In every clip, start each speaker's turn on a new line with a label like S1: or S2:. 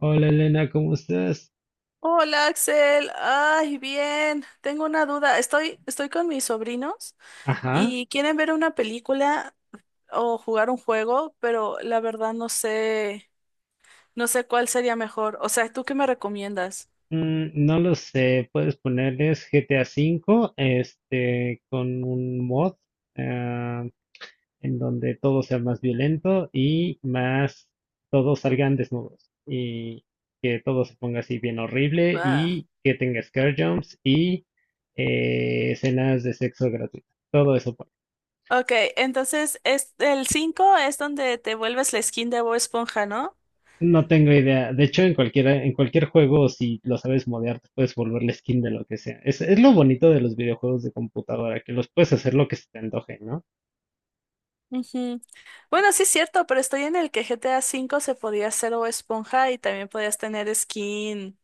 S1: Hola Elena, ¿cómo estás?
S2: Hola Axel, ay, bien, tengo una duda. Estoy con mis sobrinos
S1: Ajá.
S2: y quieren ver una película o jugar un juego, pero la verdad no sé cuál sería mejor. O sea, ¿tú qué me recomiendas?
S1: No lo sé, puedes ponerles GTA V, este, con un mod, ah, en donde todo sea más violento y más, todos salgan desnudos y que todo se ponga así bien horrible
S2: Ah.
S1: y que tenga scare jumps y escenas de sexo gratuito. Todo eso.
S2: Ok, entonces es, el 5 es donde te vuelves la skin de Bob Esponja, ¿no?
S1: No tengo idea. De hecho, en cualquiera, en cualquier juego, si lo sabes modear, te puedes volver la skin de lo que sea. Es lo bonito de los videojuegos de computadora, que los puedes hacer lo que se te antoje, ¿no?
S2: Ujú. Bueno, sí es cierto, pero estoy en el que GTA V se podía hacer Bob Esponja y también podías tener skin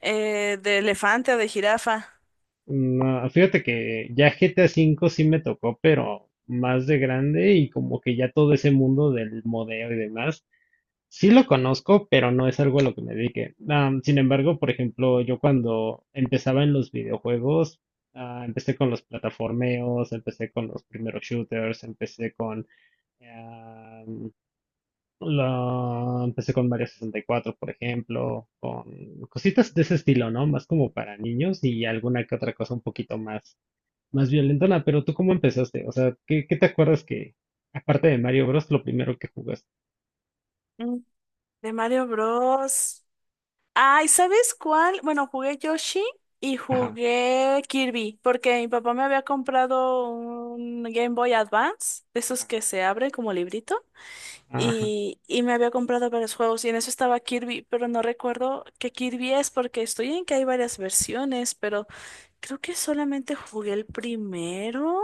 S2: de elefante o de jirafa.
S1: No, fíjate que ya GTA V sí me tocó, pero más de grande, y como que ya todo ese mundo del modeo y demás, sí lo conozco, pero no es algo a lo que me dedique. Sin embargo, por ejemplo, yo cuando empezaba en los videojuegos, empecé con los plataformeos, empecé con los primeros shooters, Em, lo empecé con Mario 64, por ejemplo, con cositas de ese estilo, ¿no? Más como para niños y alguna que otra cosa un poquito más, más violentona. Pero tú, ¿cómo empezaste? O sea, ¿qué te acuerdas que, aparte de Mario Bros, lo primero que jugaste?
S2: De Mario Bros. Ay, ¿sabes cuál? Bueno, jugué Yoshi y
S1: Ajá,
S2: jugué Kirby, porque mi papá me había comprado un Game Boy Advance, de esos
S1: ajá,
S2: que se abren como librito,
S1: ajá.
S2: y me había comprado varios juegos, y en eso estaba Kirby, pero no recuerdo qué Kirby es, porque estoy en que hay varias versiones, pero creo que solamente jugué el primero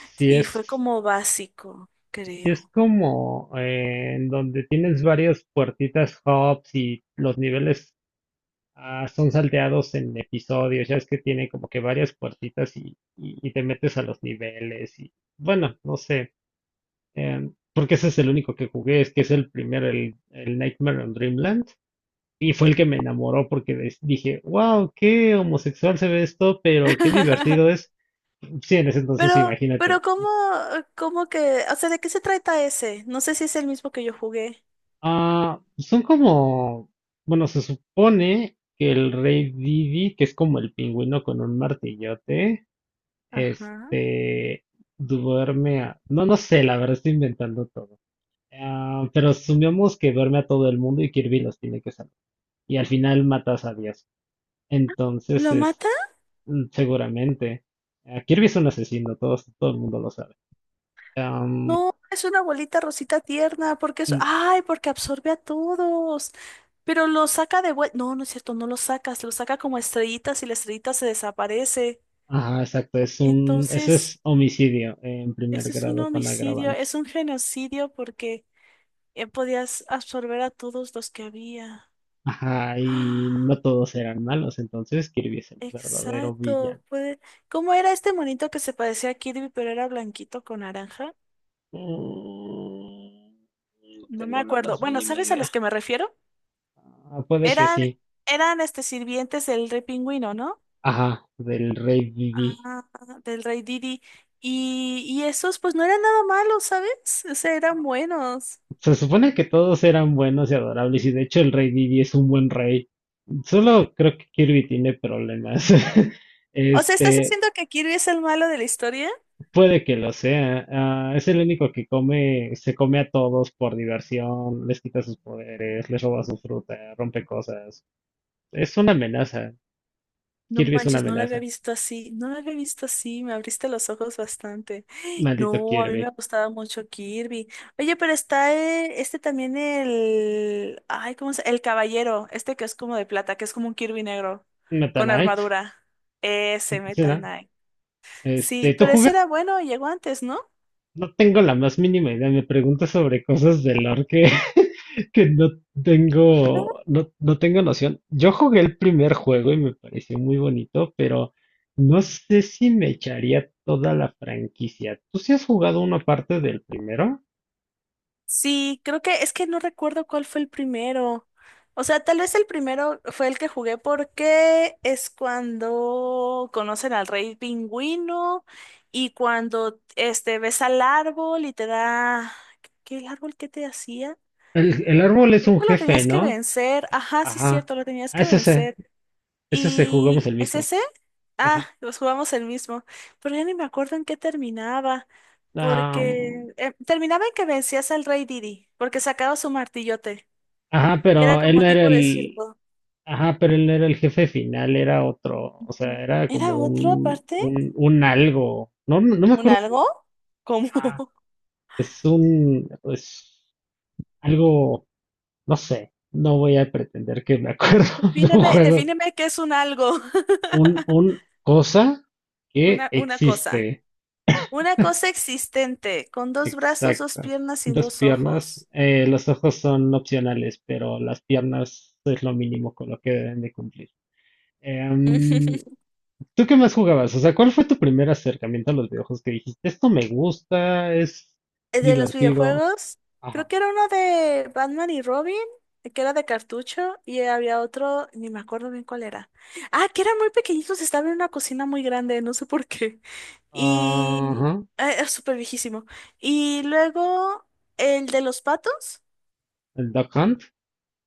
S1: Si
S2: y
S1: es,
S2: fue como básico,
S1: si es
S2: creo.
S1: como, en donde tienes varias puertitas, hubs y los niveles. Son salteados en episodios, ya es que tiene como que varias puertitas y te metes a los niveles y, bueno, no sé, porque ese es el único que jugué, es que es el Nightmare on Dreamland, y fue el que me enamoró porque dije, wow, qué homosexual se ve esto, pero qué divertido es. Sí, en ese entonces
S2: Pero
S1: imagínate.
S2: ¿cómo que, o sea, ¿de qué se trata ese? No sé si es el mismo que yo jugué.
S1: Son como, bueno, se supone que el rey Didi, que es como el pingüino con un martillote.
S2: Ajá.
S1: Este, no, no sé, la verdad estoy inventando todo. Ah, pero asumimos que duerme a todo el mundo y Kirby los tiene que salvar. Y al final matas a Dios. Entonces,
S2: ¿Lo mata?
S1: seguramente. Kirby es un asesino, todos, todo el mundo lo sabe. Am,
S2: No, es una bolita rosita tierna, porque es,
S1: mm,
S2: ay, porque absorbe a todos. Pero lo saca de vuelta. No, no es cierto, no lo sacas, lo saca como estrellitas y la estrellita se desaparece.
S1: ajá, exacto, eso
S2: Entonces,
S1: es homicidio en primer
S2: ese es un
S1: grado con
S2: homicidio,
S1: agravantes.
S2: es un genocidio porque podías absorber a todos los que había.
S1: Ajá, y no todos eran malos, entonces Kirby es el verdadero
S2: Exacto,
S1: villano.
S2: puede. ¿Cómo era este monito que se parecía a Kirby, pero era blanquito con naranja?
S1: Mm, No
S2: No me
S1: tengo la
S2: acuerdo.
S1: más
S2: Bueno,
S1: mínima
S2: ¿sabes a
S1: idea.
S2: los que me refiero?
S1: Puede que
S2: Eran,
S1: sí.
S2: eran este sirvientes del rey pingüino, ¿no?
S1: Ajá, del rey Didi.
S2: Ah, del rey Didi. Y esos, pues no eran nada malos, ¿sabes? O sea, eran buenos.
S1: Se supone que todos eran buenos y adorables, y de hecho el rey Didi es un buen rey. Solo creo que Kirby tiene problemas.
S2: O sea, ¿estás
S1: Este,
S2: diciendo que Kirby es el malo de la historia?
S1: puede que lo sea. Es el único que come, se come a todos por diversión, les quita sus poderes, les roba su fruta, rompe cosas. Es una amenaza.
S2: No
S1: Kirby es una
S2: manches, no la había
S1: amenaza.
S2: visto así, no la había visto así, me abriste los ojos bastante.
S1: Maldito
S2: No, a mí me
S1: Kirby.
S2: gustaba mucho Kirby. Oye, pero está este también el, ay, ¿cómo se? El caballero, este que es como de plata, que es como un Kirby negro,
S1: Meta
S2: con
S1: Knight.
S2: armadura. Ese
S1: ¿Sí,
S2: Metal
S1: no?
S2: Knight. Sí,
S1: Este, ¿tú
S2: pero ese
S1: juegas?
S2: era bueno, llegó antes, ¿no?
S1: No tengo la más mínima idea. Me preguntas sobre cosas de lore que, que no tengo, no tengo noción. Yo jugué el primer juego y me pareció muy bonito, pero no sé si me echaría toda la franquicia. ¿Tú sí has jugado una parte del primero?
S2: Sí, creo que es que no recuerdo cuál fue el primero. O sea, tal vez el primero fue el que jugué porque es cuando conocen al rey pingüino y cuando este ves al árbol y te da ¿qué el árbol que te hacía?
S1: El árbol es
S2: Creo
S1: un
S2: que lo
S1: jefe,
S2: tenías que
S1: ¿no?
S2: vencer. Ajá, sí es
S1: Ajá.
S2: cierto, lo tenías
S1: Ah,
S2: que
S1: ese se,
S2: vencer.
S1: ese se jugamos
S2: ¿Y
S1: el
S2: es
S1: mismo.
S2: ese? Ah,
S1: Ajá.
S2: los jugamos el mismo. Pero ya ni me acuerdo en qué terminaba.
S1: Ah,
S2: Porque terminaba en que vencías al rey Didi, porque sacaba su martillote.
S1: ajá,
S2: Y era
S1: pero él
S2: como
S1: no era
S2: tipo de
S1: el.
S2: circo.
S1: Ajá, pero él no era el jefe final, era otro, o
S2: Ujú.
S1: sea, era como
S2: ¿Era otro
S1: un,
S2: aparte?
S1: un, un algo, no me
S2: ¿Un
S1: acuerdo,
S2: algo? ¿Cómo?
S1: ah, es un, es algo, no sé, no voy a pretender que me acuerdo de un
S2: Defíneme,
S1: juego,
S2: defíneme qué es un algo.
S1: un cosa que
S2: Una cosa.
S1: existe,
S2: Una cosa existente, con dos brazos, dos
S1: exacto.
S2: piernas y
S1: Dos
S2: dos
S1: piernas,
S2: ojos.
S1: los ojos son opcionales, pero las piernas es lo mínimo con lo que deben de cumplir. Em, ¿Tú qué más jugabas? O sea, ¿cuál fue tu primer acercamiento a los videojuegos que dijiste, esto me gusta, es
S2: De los
S1: divertido?
S2: videojuegos, creo
S1: Ajá.
S2: que era uno de Batman y Robin, que era de cartucho, y había otro, ni me acuerdo bien cuál era. Ah, que eran muy pequeñitos, estaba en una cocina muy grande, no sé por qué.
S1: Ajá.
S2: Y era súper viejísimo. Y luego el de los patos,
S1: El Duck Hunt.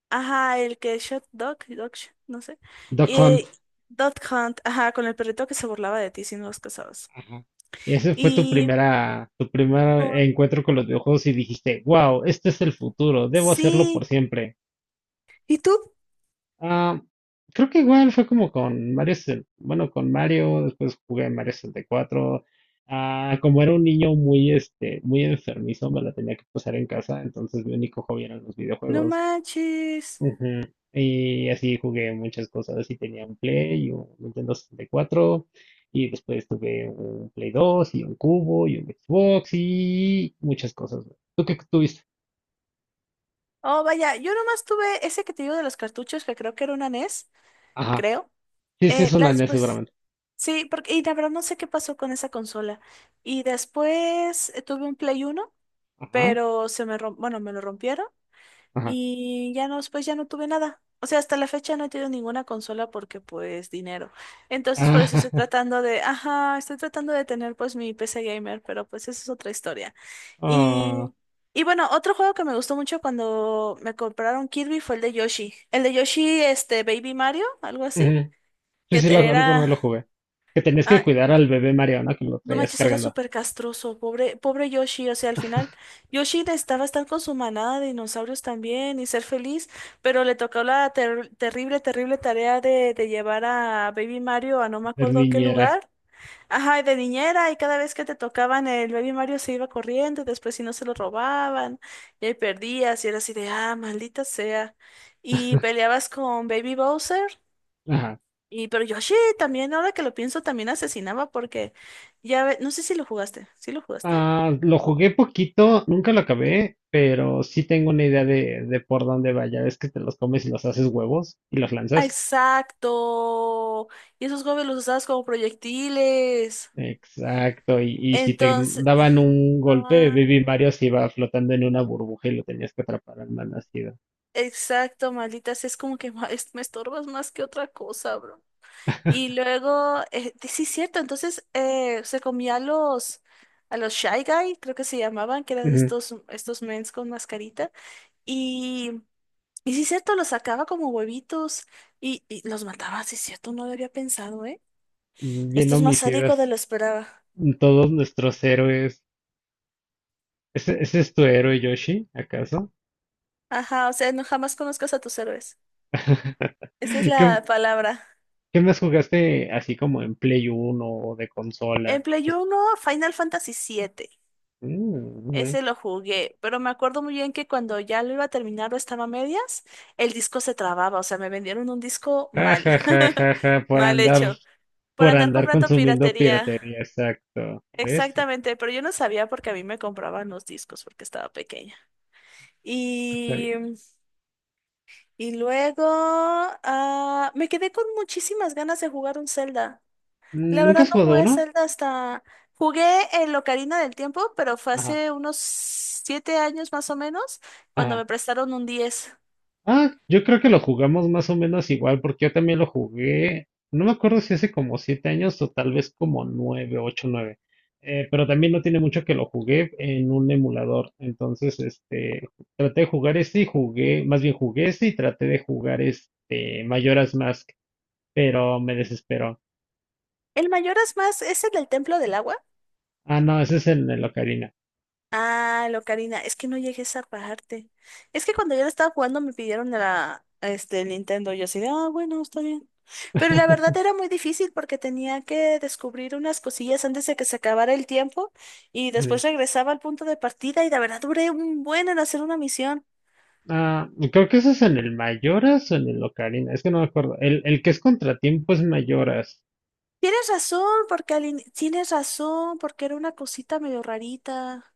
S2: ajá, el que Shot Dog, Dog, no sé.
S1: Duck Hunt.
S2: Y Dog Hunt, ajá, con el perrito que se burlaba de ti si no los cazabas.
S1: Ajá. Y ese fue tu
S2: Y
S1: primera, tu primer
S2: como,
S1: encuentro con los videojuegos y dijiste, wow, este es el futuro, debo hacerlo
S2: sí,
S1: por siempre.
S2: ¿y tú?
S1: Ah, creo que igual fue como con Mario. Bueno, con Mario, después jugué Mario 64. Como era un niño muy, este, muy enfermizo, me la tenía que pasar en casa, entonces mi único hobby eran los
S2: No
S1: videojuegos.
S2: manches.
S1: Ujú. Y así jugué muchas cosas, y tenía un Play y un Nintendo 64 y cuatro, y después tuve un Play 2 y un Cubo y un Xbox y muchas cosas. ¿Tú qué tuviste?
S2: Oh, vaya, yo nomás tuve ese que te digo de los cartuchos, que creo que era una NES,
S1: Ajá.
S2: creo.
S1: Sí, sí, es
S2: La
S1: una NES
S2: después,
S1: seguramente.
S2: sí, porque, y la verdad no sé qué pasó con esa consola. Y después tuve un Play 1
S1: Ajá,
S2: pero bueno, me lo rompieron.
S1: ajá.
S2: Y ya no, pues ya no tuve nada. O sea, hasta la fecha no he tenido ninguna consola porque pues dinero. Entonces por
S1: Ah,
S2: eso ajá, estoy tratando de tener pues mi PC gamer, pero pues eso es otra historia. Y, y bueno, otro juego que me gustó mucho cuando me compraron Kirby fue el de Yoshi. El de Yoshi, este, Baby Mario, algo así,
S1: ujú. Sí, sí, alguno
S2: era,
S1: lo jugué. Que tenías que
S2: ah,
S1: cuidar al bebé Mariana, que lo
S2: no
S1: traías
S2: manches, era
S1: cargando.
S2: súper castroso, pobre, pobre Yoshi. O sea, al final, Yoshi necesitaba estar con su manada de dinosaurios también y ser feliz, pero le tocó la terrible, terrible tarea de llevar a Baby Mario a no me
S1: Ser
S2: acuerdo qué
S1: niñera.
S2: lugar. Ajá, y de niñera, y cada vez que te tocaban el Baby Mario se iba corriendo, y después si no se lo robaban, y ahí perdías, y era así de, ah, maldita sea. Y peleabas con Baby Bowser.
S1: Ajá.
S2: Y pero Yoshi también, ahora que lo pienso, también asesinaba porque no sé si lo jugaste. ¿Sí lo jugaste?
S1: Lo jugué poquito, nunca lo acabé, pero sí tengo una idea de por dónde vaya. Es que te los comes y los haces huevos y los
S2: Ah,
S1: lanzas.
S2: exacto. Y esos gobles los usabas como proyectiles.
S1: Exacto. Y si te
S2: Entonces,
S1: daban un golpe,
S2: ah,
S1: Baby Mario se iba flotando en una burbuja, y lo tenías que atrapar al malnacido.
S2: exacto, malditas, es como que me estorbas más que otra cosa, bro. Y luego, sí, cierto, entonces se comía a los, Shy Guy, creo que se llamaban, que eran
S1: Ujú.
S2: estos mens con mascarita. y Y sí, cierto, los sacaba como huevitos y los mataba, sí, cierto, no lo había pensado, ¿eh?
S1: Bien
S2: Esto es más sádico de
S1: homicidas.
S2: lo esperaba.
S1: Todos nuestros héroes. ¿Ese es tu héroe, Yoshi? ¿Acaso?
S2: Ajá, o sea, no jamás conozcas a tus héroes. Esa es
S1: ¿Qué,
S2: la palabra.
S1: qué más jugaste así como en Play Uno o de
S2: En
S1: consola?
S2: Play
S1: Pues,
S2: uno Final Fantasy 7.
S1: mm, ujú.
S2: Ese lo jugué, pero me acuerdo muy bien que cuando ya lo iba a terminar o estaba a medias, el disco se trababa, o sea, me vendieron un disco
S1: ah,
S2: mal.
S1: ja, ja, ja, ja, por
S2: Mal
S1: andar,
S2: hecho. Por
S1: por
S2: andar
S1: andar
S2: comprando
S1: consumiendo
S2: piratería.
S1: piratería, exacto. ¿Ves?
S2: Exactamente, pero yo no sabía porque a mí me compraban los discos porque estaba pequeña.
S1: Está bien.
S2: Y, y luego me quedé con muchísimas ganas de jugar un Zelda. La
S1: ¿Nunca
S2: verdad
S1: has
S2: no
S1: jugado
S2: jugué
S1: uno?
S2: Zelda hasta. Jugué el Ocarina del Tiempo, pero fue
S1: Ajá.
S2: hace unos 7 años más o menos, cuando me prestaron un diez.
S1: Yo creo que lo jugamos más o menos igual, porque yo también lo jugué. No me acuerdo si hace como 7 años, o tal vez como nueve, ocho, nueve. Pero también no tiene mucho que lo jugué en un emulador. Entonces, este, traté de jugar este y jugué, más bien jugué este y traté de jugar este Majora's Mask, pero me desesperó.
S2: El mayor es más, es el del Templo del Agua.
S1: No, ese es en el Ocarina.
S2: Ah, lo Karina, es que no llegué a esa parte. Es que cuando yo la estaba jugando me pidieron este, el Nintendo. Yo así de, ah, bueno, está bien. Pero la verdad
S1: Ujú.
S2: era muy difícil porque tenía que descubrir unas cosillas antes de que se acabara el tiempo y después regresaba al punto de partida y la verdad duré un buen en hacer una misión.
S1: Creo que ese es en el Mayoras o en el Ocarina, es que no me acuerdo. El que es contratiempo es Mayoras.
S2: Tienes razón, porque tienes razón, porque era una cosita medio rarita.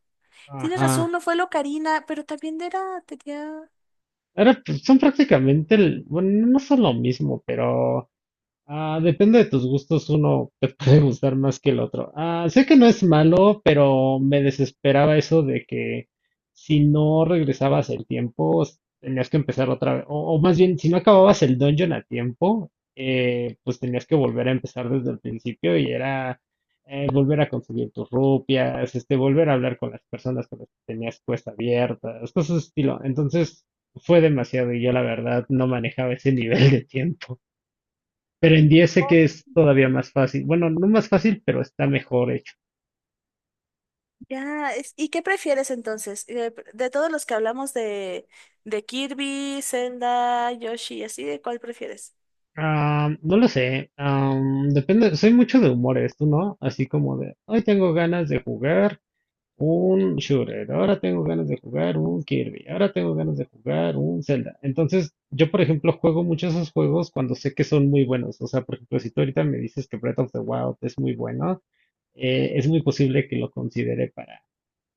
S2: Tienes razón,
S1: Ajá.
S2: no fue lo Karina, pero también era, tenía.
S1: Ahora, pues, son prácticamente, bueno, no son lo mismo, pero. Depende de tus gustos, uno te puede gustar más que el otro. Sé que no es malo, pero me desesperaba eso de que si no regresabas el tiempo, tenías que empezar otra vez. O más bien, si no acababas el dungeon a tiempo, pues tenías que volver a empezar desde el principio, y era, volver a conseguir tus rupias, este, volver a hablar con las personas con las que tenías cuesta abierta, cosas de ese estilo. Entonces fue demasiado, y yo la verdad no manejaba ese nivel de tiempo. Pero en 10 sé que es todavía más fácil. Bueno, no más fácil, pero está mejor hecho.
S2: Ya, ¿y qué prefieres entonces? De, todos los que hablamos de, Kirby, Zelda, Yoshi, así, ¿de cuál prefieres?
S1: No lo sé. Depende. Soy mucho de humores, ¿tú no? Así como de, hoy tengo ganas de jugar un shooter, ahora tengo ganas de jugar un Kirby, ahora tengo ganas de jugar un Zelda. Entonces, yo, por ejemplo, juego muchos esos juegos cuando sé que son muy buenos. O sea, por ejemplo, si tú ahorita me dices que Breath of the Wild es muy bueno, es muy posible que lo considere para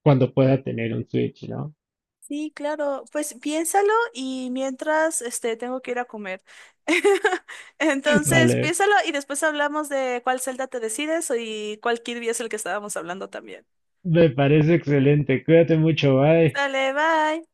S1: cuando pueda tener un Switch, ¿no?
S2: Sí, claro, pues piénsalo y mientras este tengo que ir a comer. Entonces,
S1: Vale.
S2: piénsalo y después hablamos de cuál Zelda te decides y cuál Kirby es el que estábamos hablando también.
S1: Me parece excelente. Cuídate mucho. Bye.
S2: Dale, bye.